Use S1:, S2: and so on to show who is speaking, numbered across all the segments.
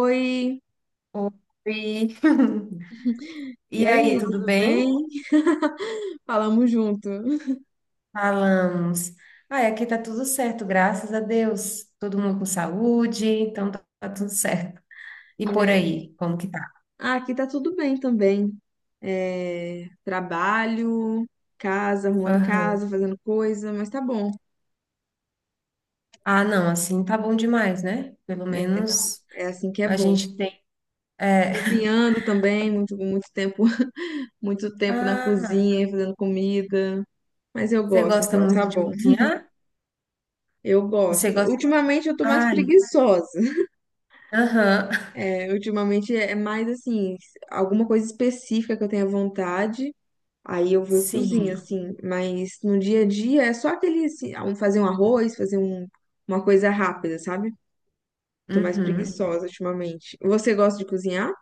S1: Oi,
S2: Oi.
S1: e
S2: E aí,
S1: aí,
S2: tudo
S1: tudo bem?
S2: bem?
S1: Falamos junto.
S2: Falamos. Ah, aqui tá tudo certo, graças a Deus. Todo mundo com saúde, então tá, tudo certo. E por
S1: É,
S2: aí, como que tá?
S1: ah, aqui tá tudo bem também. É, trabalho, casa, arrumando
S2: Aham.
S1: casa, fazendo coisa, mas tá bom.
S2: Ah, não, assim tá bom demais, né? Pelo
S1: É,
S2: menos
S1: é assim que é
S2: a
S1: bom.
S2: gente tem. É.
S1: Cozinhando também, muito, muito tempo, muito tempo na
S2: Ah,
S1: cozinha, fazendo comida. Mas eu
S2: você
S1: gosto,
S2: gosta
S1: então tá
S2: muito de
S1: bom.
S2: cozinhar?
S1: Eu
S2: Você
S1: gosto.
S2: gosta.
S1: Ultimamente eu tô mais
S2: Ai,
S1: preguiçosa.
S2: aham.
S1: É, ultimamente é mais assim, alguma coisa específica que eu tenha vontade. Aí eu vou e cozinho,
S2: Sim.
S1: assim, mas no dia a dia é só aquele, assim, ah, fazer um arroz, fazer um, uma coisa rápida, sabe? Tô mais
S2: Uhum.
S1: preguiçosa ultimamente. Você gosta de cozinhar?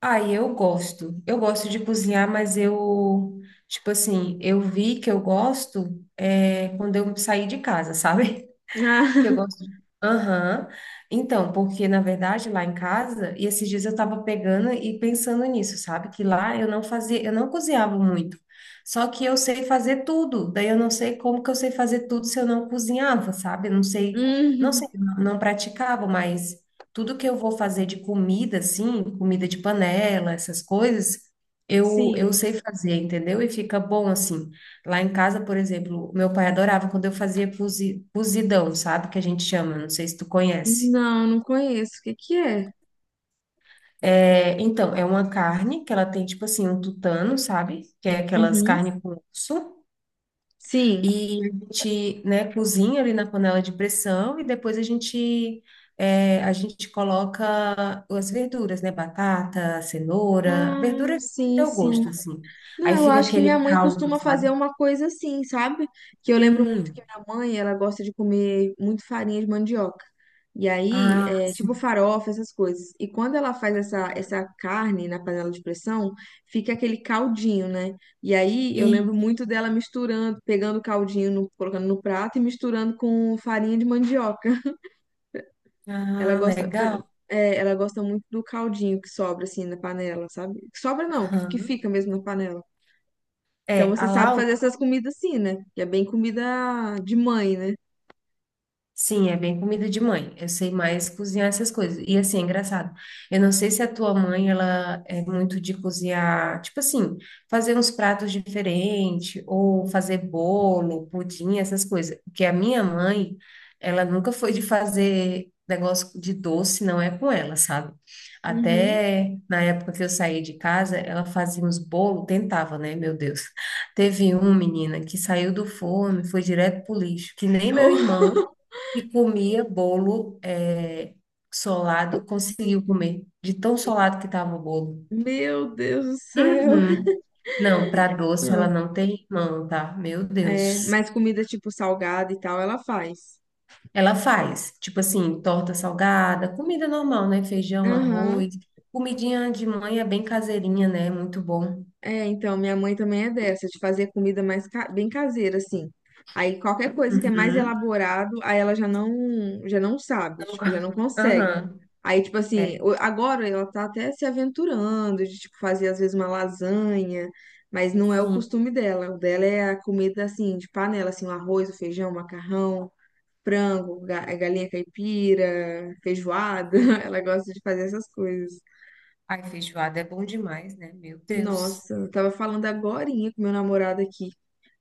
S2: Ah, e eu gosto. Eu gosto de cozinhar, tipo assim, eu vi que eu gosto é, quando eu saí de casa, sabe?
S1: Ah,
S2: Que eu gosto. Aham. Então, porque na verdade lá em casa, e esses dias eu tava pegando e pensando nisso, sabe? Que lá eu não fazia, eu não cozinhava muito. Só que eu sei fazer tudo. Daí eu não sei como que eu sei fazer tudo se eu não cozinhava, sabe? Eu não sei, não
S1: hum,
S2: sei, não não praticava, mas tudo que eu vou fazer de comida assim, comida de panela, essas coisas, eu
S1: sim.
S2: sei fazer, entendeu? E fica bom assim. Lá em casa, por exemplo, meu pai adorava quando eu fazia cozidão, sabe? Que a gente chama, não sei se tu conhece.
S1: Não, não conheço. O que que é?
S2: É, então, é uma carne que ela tem, tipo assim, um tutano, sabe? Que é aquelas
S1: Uhum.
S2: carnes com osso.
S1: Sim.
S2: E a gente, né, cozinha ali na panela de pressão e depois a gente, é, a gente coloca as verduras, né? Batata, cenoura,
S1: Ah,
S2: verdura do
S1: sim,
S2: teu
S1: sim.
S2: gosto, assim.
S1: Não,
S2: Aí
S1: eu
S2: fica
S1: acho que minha
S2: aquele
S1: mãe
S2: caldo,
S1: costuma fazer
S2: sabe?
S1: uma coisa assim, sabe? Que eu lembro muito que
S2: Hum,
S1: minha mãe, ela gosta de comer muito farinha de mandioca. E aí,
S2: ah,
S1: é, tipo
S2: sim.
S1: farofa, essas coisas. E quando ela faz
S2: Aham.
S1: essa carne na panela de pressão, fica aquele caldinho, né? E aí, eu lembro muito dela misturando, pegando o caldinho, colocando no prato e misturando com farinha de mandioca. Ela
S2: Ah, legal.
S1: é, ela gosta muito do caldinho que sobra, assim, na panela, sabe? Que sobra não, que
S2: Aham.
S1: fica mesmo na panela. Então
S2: É, a
S1: você sabe
S2: Lau,
S1: fazer essas comidas assim, né? Que é bem comida de mãe, né?
S2: sim, é bem comida de mãe. Eu sei mais cozinhar essas coisas. E assim, é engraçado. Eu não sei se a tua mãe, ela é muito de cozinhar, tipo assim, fazer uns pratos diferentes, ou fazer bolo, pudim, essas coisas. Porque a minha mãe, ela nunca foi de fazer negócio de doce, não é com ela, sabe?
S1: Uhum.
S2: Até na época que eu saí de casa, ela fazia uns bolos, tentava, né? Meu Deus. Teve um, menina, que saiu do forno, e foi direto pro lixo, que nem meu irmão
S1: Oh,
S2: e comia bolo é, solado, conseguiu comer, de tão solado que estava o bolo.
S1: meu Deus do céu.
S2: Uhum. Não, para doce ela
S1: Não.
S2: não tem mão, tá? Meu
S1: É,
S2: Deus.
S1: mas comida tipo salgada e tal, ela faz.
S2: Ela faz, tipo assim, torta salgada, comida normal, né? Feijão,
S1: Aham.
S2: arroz, comidinha de mãe é bem caseirinha, né? Muito bom.
S1: É, então, minha mãe também é dessa, de fazer comida mais bem caseira, assim. Aí qualquer coisa que é mais
S2: Uhum.
S1: elaborado, aí ela já não sabe,
S2: Não go-
S1: tipo, já não consegue.
S2: Aham.
S1: Aí, tipo assim,
S2: É,
S1: agora ela tá até se aventurando de, tipo, fazer às vezes uma lasanha, mas não é o
S2: sim,
S1: costume dela. O dela é a comida, assim, de panela, assim, o arroz, o feijão, o macarrão, frango, galinha caipira, feijoada.
S2: sim.
S1: Ela gosta de fazer essas coisas.
S2: Ai, feijoada é bom demais, né? Meu Deus.
S1: Nossa, eu tava falando agorinha com meu namorado aqui.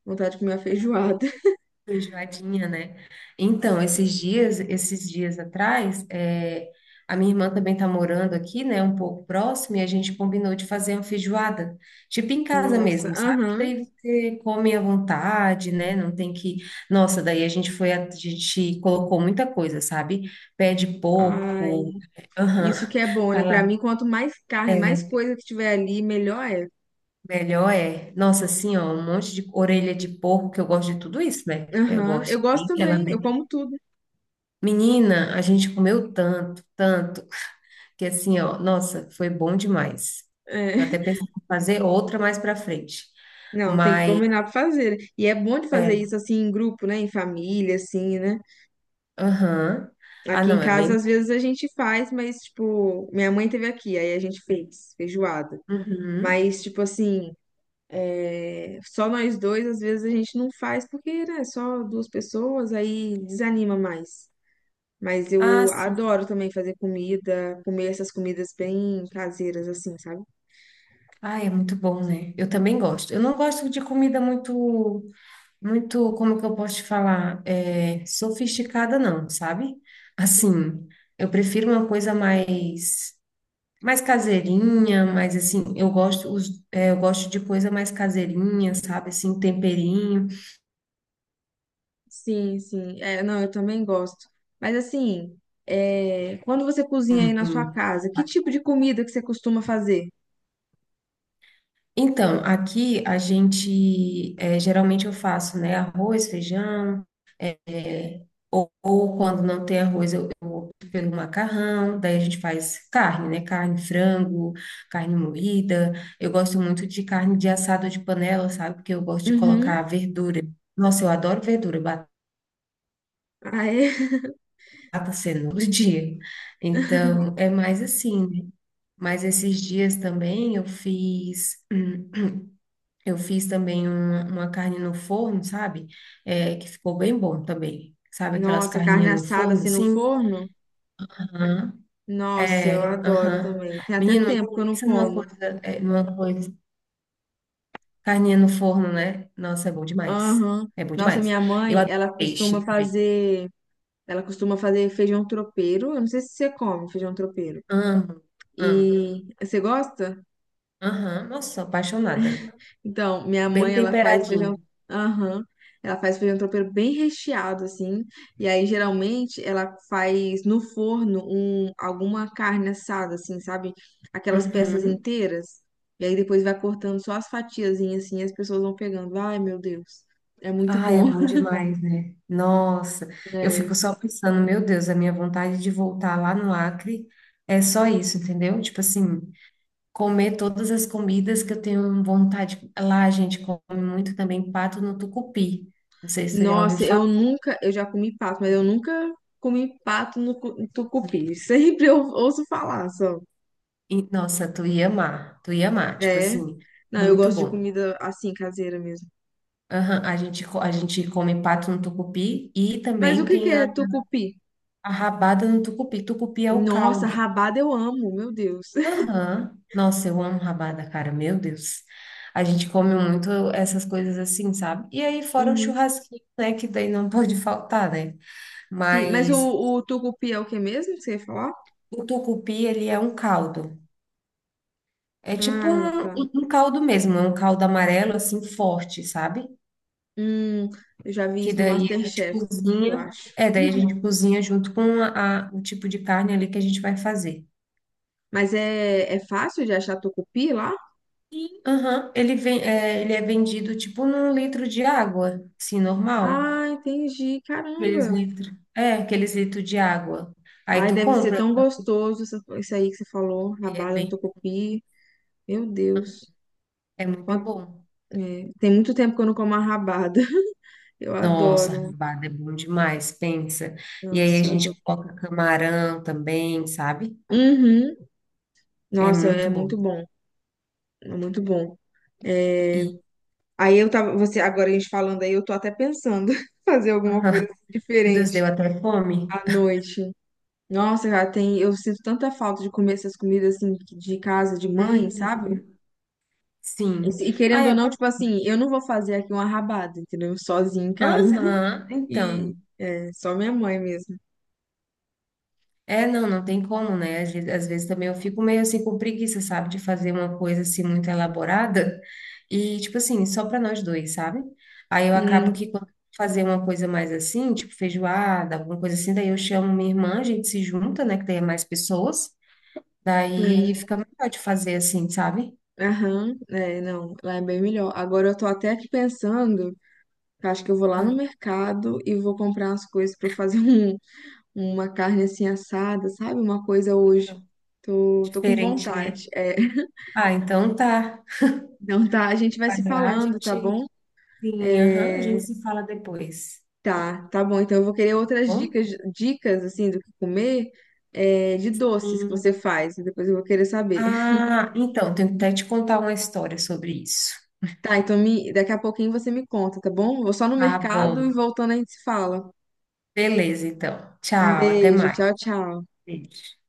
S1: Vontade de comer uma feijoada.
S2: Enjoadinha, né? Então, esses dias atrás, é, a minha irmã também tá morando aqui, né? Um pouco próximo, e a gente combinou de fazer uma feijoada, tipo em casa
S1: Nossa,
S2: mesmo, sabe? Que
S1: aham.
S2: daí você come à vontade, né? Não tem que. Nossa, daí a gente foi, a gente colocou muita coisa, sabe? Pé de
S1: Ai,
S2: porco, aham,
S1: isso que é bom,
S2: tá
S1: né? Pra
S2: lá.
S1: mim, quanto mais carne, mais
S2: É,
S1: coisa que tiver ali, melhor é.
S2: melhor é. Nossa, assim, ó, um monte de orelha de porco, que eu gosto de tudo isso, né? Eu
S1: Aham, eu
S2: gosto
S1: gosto
S2: bem, ela
S1: também, eu como tudo.
S2: menina, a gente comeu tanto, que assim, ó, nossa, foi bom demais.
S1: É.
S2: Eu até pensei em fazer outra mais pra frente.
S1: Não, tem que
S2: Mas,
S1: combinar pra fazer. E é bom de fazer
S2: é,
S1: isso assim em grupo, né? Em família, assim, né?
S2: aham. Ah,
S1: Aqui em
S2: não, é
S1: casa,
S2: bem.
S1: às vezes a gente faz, mas, tipo, minha mãe teve aqui, aí a gente fez feijoada.
S2: Uhum.
S1: Mas, tipo assim, é, só nós dois, às vezes a gente não faz, porque, né? Só duas pessoas, aí desanima mais. Mas
S2: Ah,
S1: eu
S2: sim.
S1: adoro também fazer comida, comer essas comidas bem caseiras, assim, sabe?
S2: Ah, é muito bom, né? Eu também gosto. Eu não gosto de comida muito, como que eu posso te falar? É, sofisticada, não, sabe? Assim, eu prefiro uma coisa mais. Mais caseirinha, mas assim, eu gosto, os, é, eu gosto de coisa mais caseirinha, sabe? Assim, temperinho.
S1: Sim, sim. É, não, eu também gosto. Mas assim, é, quando você cozinha aí na sua casa, que tipo de comida que você costuma fazer?
S2: Então, aqui a gente, é, geralmente eu faço, né? Arroz, feijão, é, ou quando não tem arroz, eu opto pelo macarrão. Daí a gente faz carne, né? Carne, frango, carne moída. Eu gosto muito de carne de assado de panela, sabe? Porque eu gosto de colocar
S1: Uhum.
S2: verdura. Nossa, eu adoro verdura,
S1: Ah, é?
S2: batata, cenoura, dia. Então, é mais assim, né? Mas esses dias também eu fiz, eu fiz também uma carne no forno, sabe? É, que ficou bem bom também. Sabe aquelas
S1: Nossa, carne
S2: carninhas no
S1: assada
S2: forno,
S1: assim no
S2: assim?
S1: forno?
S2: Aham.
S1: Nossa, eu
S2: É,
S1: adoro
S2: aham.
S1: também. Tem até
S2: Menino,
S1: tempo que eu não
S2: pensa numa
S1: como.
S2: coisa, é, numa coisa. Carninha no forno, né? Nossa, é bom demais.
S1: Aham.
S2: É bom
S1: Nossa,
S2: demais.
S1: minha
S2: Eu
S1: mãe,
S2: adoro peixe também.
S1: ela costuma fazer feijão tropeiro. Eu não sei se você come feijão tropeiro.
S2: Amo, amo.
S1: E você gosta?
S2: Aham, nossa, sou apaixonada.
S1: Então, minha
S2: Bem
S1: mãe, ela faz feijão.
S2: temperadinho.
S1: Aham. Ela faz feijão tropeiro bem recheado, assim. E aí, geralmente, ela faz no forno um, alguma carne assada, assim, sabe? Aquelas peças
S2: Uhum.
S1: inteiras. E aí, depois vai cortando só as fatiazinhas, assim, e as pessoas vão pegando. Ai, meu Deus. É muito
S2: Ai, é
S1: bom.
S2: bom demais, né? Nossa, eu
S1: É.
S2: fico só pensando, meu Deus, a minha vontade de voltar lá no Acre é só isso, entendeu? Tipo assim, comer todas as comidas que eu tenho vontade. Lá a gente come muito também pato no tucupi. Não sei se tu já ouviu
S1: Nossa,
S2: falar.
S1: eu nunca. Eu já comi pato, mas eu nunca comi pato no tucupi. Sempre eu ouço falar só.
S2: E, nossa, tu ia amar, tipo
S1: É.
S2: assim,
S1: Não, eu
S2: muito
S1: gosto de
S2: bom.
S1: comida assim, caseira mesmo.
S2: Aham, a gente come pato no tucupi e
S1: Mas o
S2: também
S1: que que
S2: tem
S1: é tucupi?
S2: a rabada no tucupi. Tucupi é o
S1: Nossa,
S2: caldo.
S1: rabada eu amo, meu Deus.
S2: Aham. Nossa, eu amo rabada, cara. Meu Deus. A gente come muito essas coisas assim, sabe? E aí, fora o
S1: Uhum.
S2: churrasquinho, né? Que daí não pode faltar, né?
S1: Sim, mas
S2: Mas
S1: o tucupi é o que mesmo que você ia falar?
S2: o tucupi, ele é um caldo. É tipo
S1: Ah,
S2: um, um
S1: tá.
S2: um caldo mesmo, é um caldo amarelo, assim, forte, sabe?
S1: Hum, eu já vi
S2: Que
S1: isso no
S2: daí a gente
S1: MasterChef, eu
S2: cozinha.
S1: acho.
S2: É, daí a gente cozinha junto com a, o tipo de carne ali que a gente vai fazer.
S1: Mas é, é fácil de achar tucupi lá?
S2: E, aham, ele vem, é, ele é vendido tipo num litro de água, assim, normal.
S1: Ah, entendi.
S2: Aqueles
S1: Caramba.
S2: litros. É, aqueles litros de água. Aí
S1: Ai,
S2: tu
S1: deve ser
S2: compra,
S1: tão
S2: né?
S1: gostoso isso aí que você falou,
S2: É
S1: rabada no
S2: bem,
S1: tucupi. Meu Deus.
S2: é muito
S1: Quant-
S2: bom.
S1: é, tem muito tempo que eu não como a rabada. Eu
S2: Nossa,
S1: adoro.
S2: rabada é bom demais, pensa. E aí a
S1: Nossa, eu adoro.
S2: gente coloca camarão também, sabe?
S1: Uhum.
S2: É
S1: Nossa, é
S2: muito bom.
S1: muito bom. É muito bom. É,
S2: E,
S1: aí eu tava, você, agora a gente falando aí, eu tô até pensando fazer alguma
S2: ah,
S1: coisa
S2: meu Deus, deu
S1: diferente
S2: até fome.
S1: à noite. Nossa, cara, tem, eu sinto tanta falta de comer essas comidas assim de casa, de mãe,
S2: Uhum,
S1: sabe? E,
S2: sim.
S1: e
S2: Ah,
S1: querendo ou
S2: é...
S1: não, tipo assim, eu não vou fazer aqui uma rabada, entendeu? Sozinha em casa.
S2: Aham,
S1: E
S2: então.
S1: é, só minha mãe mesmo.
S2: É, não, não tem como, né? Às vezes também eu fico meio assim com preguiça, sabe, de fazer uma coisa assim muito elaborada e tipo assim, só para nós dois, sabe? Aí eu acabo
S1: Sim,
S2: que quando eu fazer uma coisa mais assim, tipo feijoada, alguma coisa assim, daí eu chamo minha irmã, a gente se junta, né, que daí é mais pessoas, daí
S1: sim.
S2: fica melhor de fazer assim, sabe?
S1: Aham, é, não, lá é bem melhor. Agora eu tô até aqui pensando. Eu acho que eu vou lá
S2: Ah,
S1: no mercado e vou comprar umas coisas pra eu fazer um, uma carne assim assada, sabe? Uma coisa hoje. Tô com
S2: diferente,
S1: vontade.
S2: né?
S1: É.
S2: Ah, então tá.
S1: Então tá, a gente vai
S2: Vai
S1: se
S2: lá, a
S1: falando, tá
S2: gente,
S1: bom?
S2: sim, aham, a gente
S1: É,
S2: se fala depois,
S1: tá bom. Então eu vou querer
S2: tá
S1: outras
S2: bom?
S1: dicas, dicas assim do que comer, é, de doces que você
S2: Sim.
S1: faz. Né? Depois eu vou querer saber.
S2: Ah, então, tenho que até te contar uma história sobre isso.
S1: Tá, então me, daqui a pouquinho você me conta, tá bom? Vou só no
S2: Tá
S1: mercado e
S2: bom.
S1: voltando a gente se fala.
S2: Beleza, então.
S1: Um
S2: Tchau, até
S1: beijo,
S2: mais.
S1: tchau, tchau.
S2: Beijo.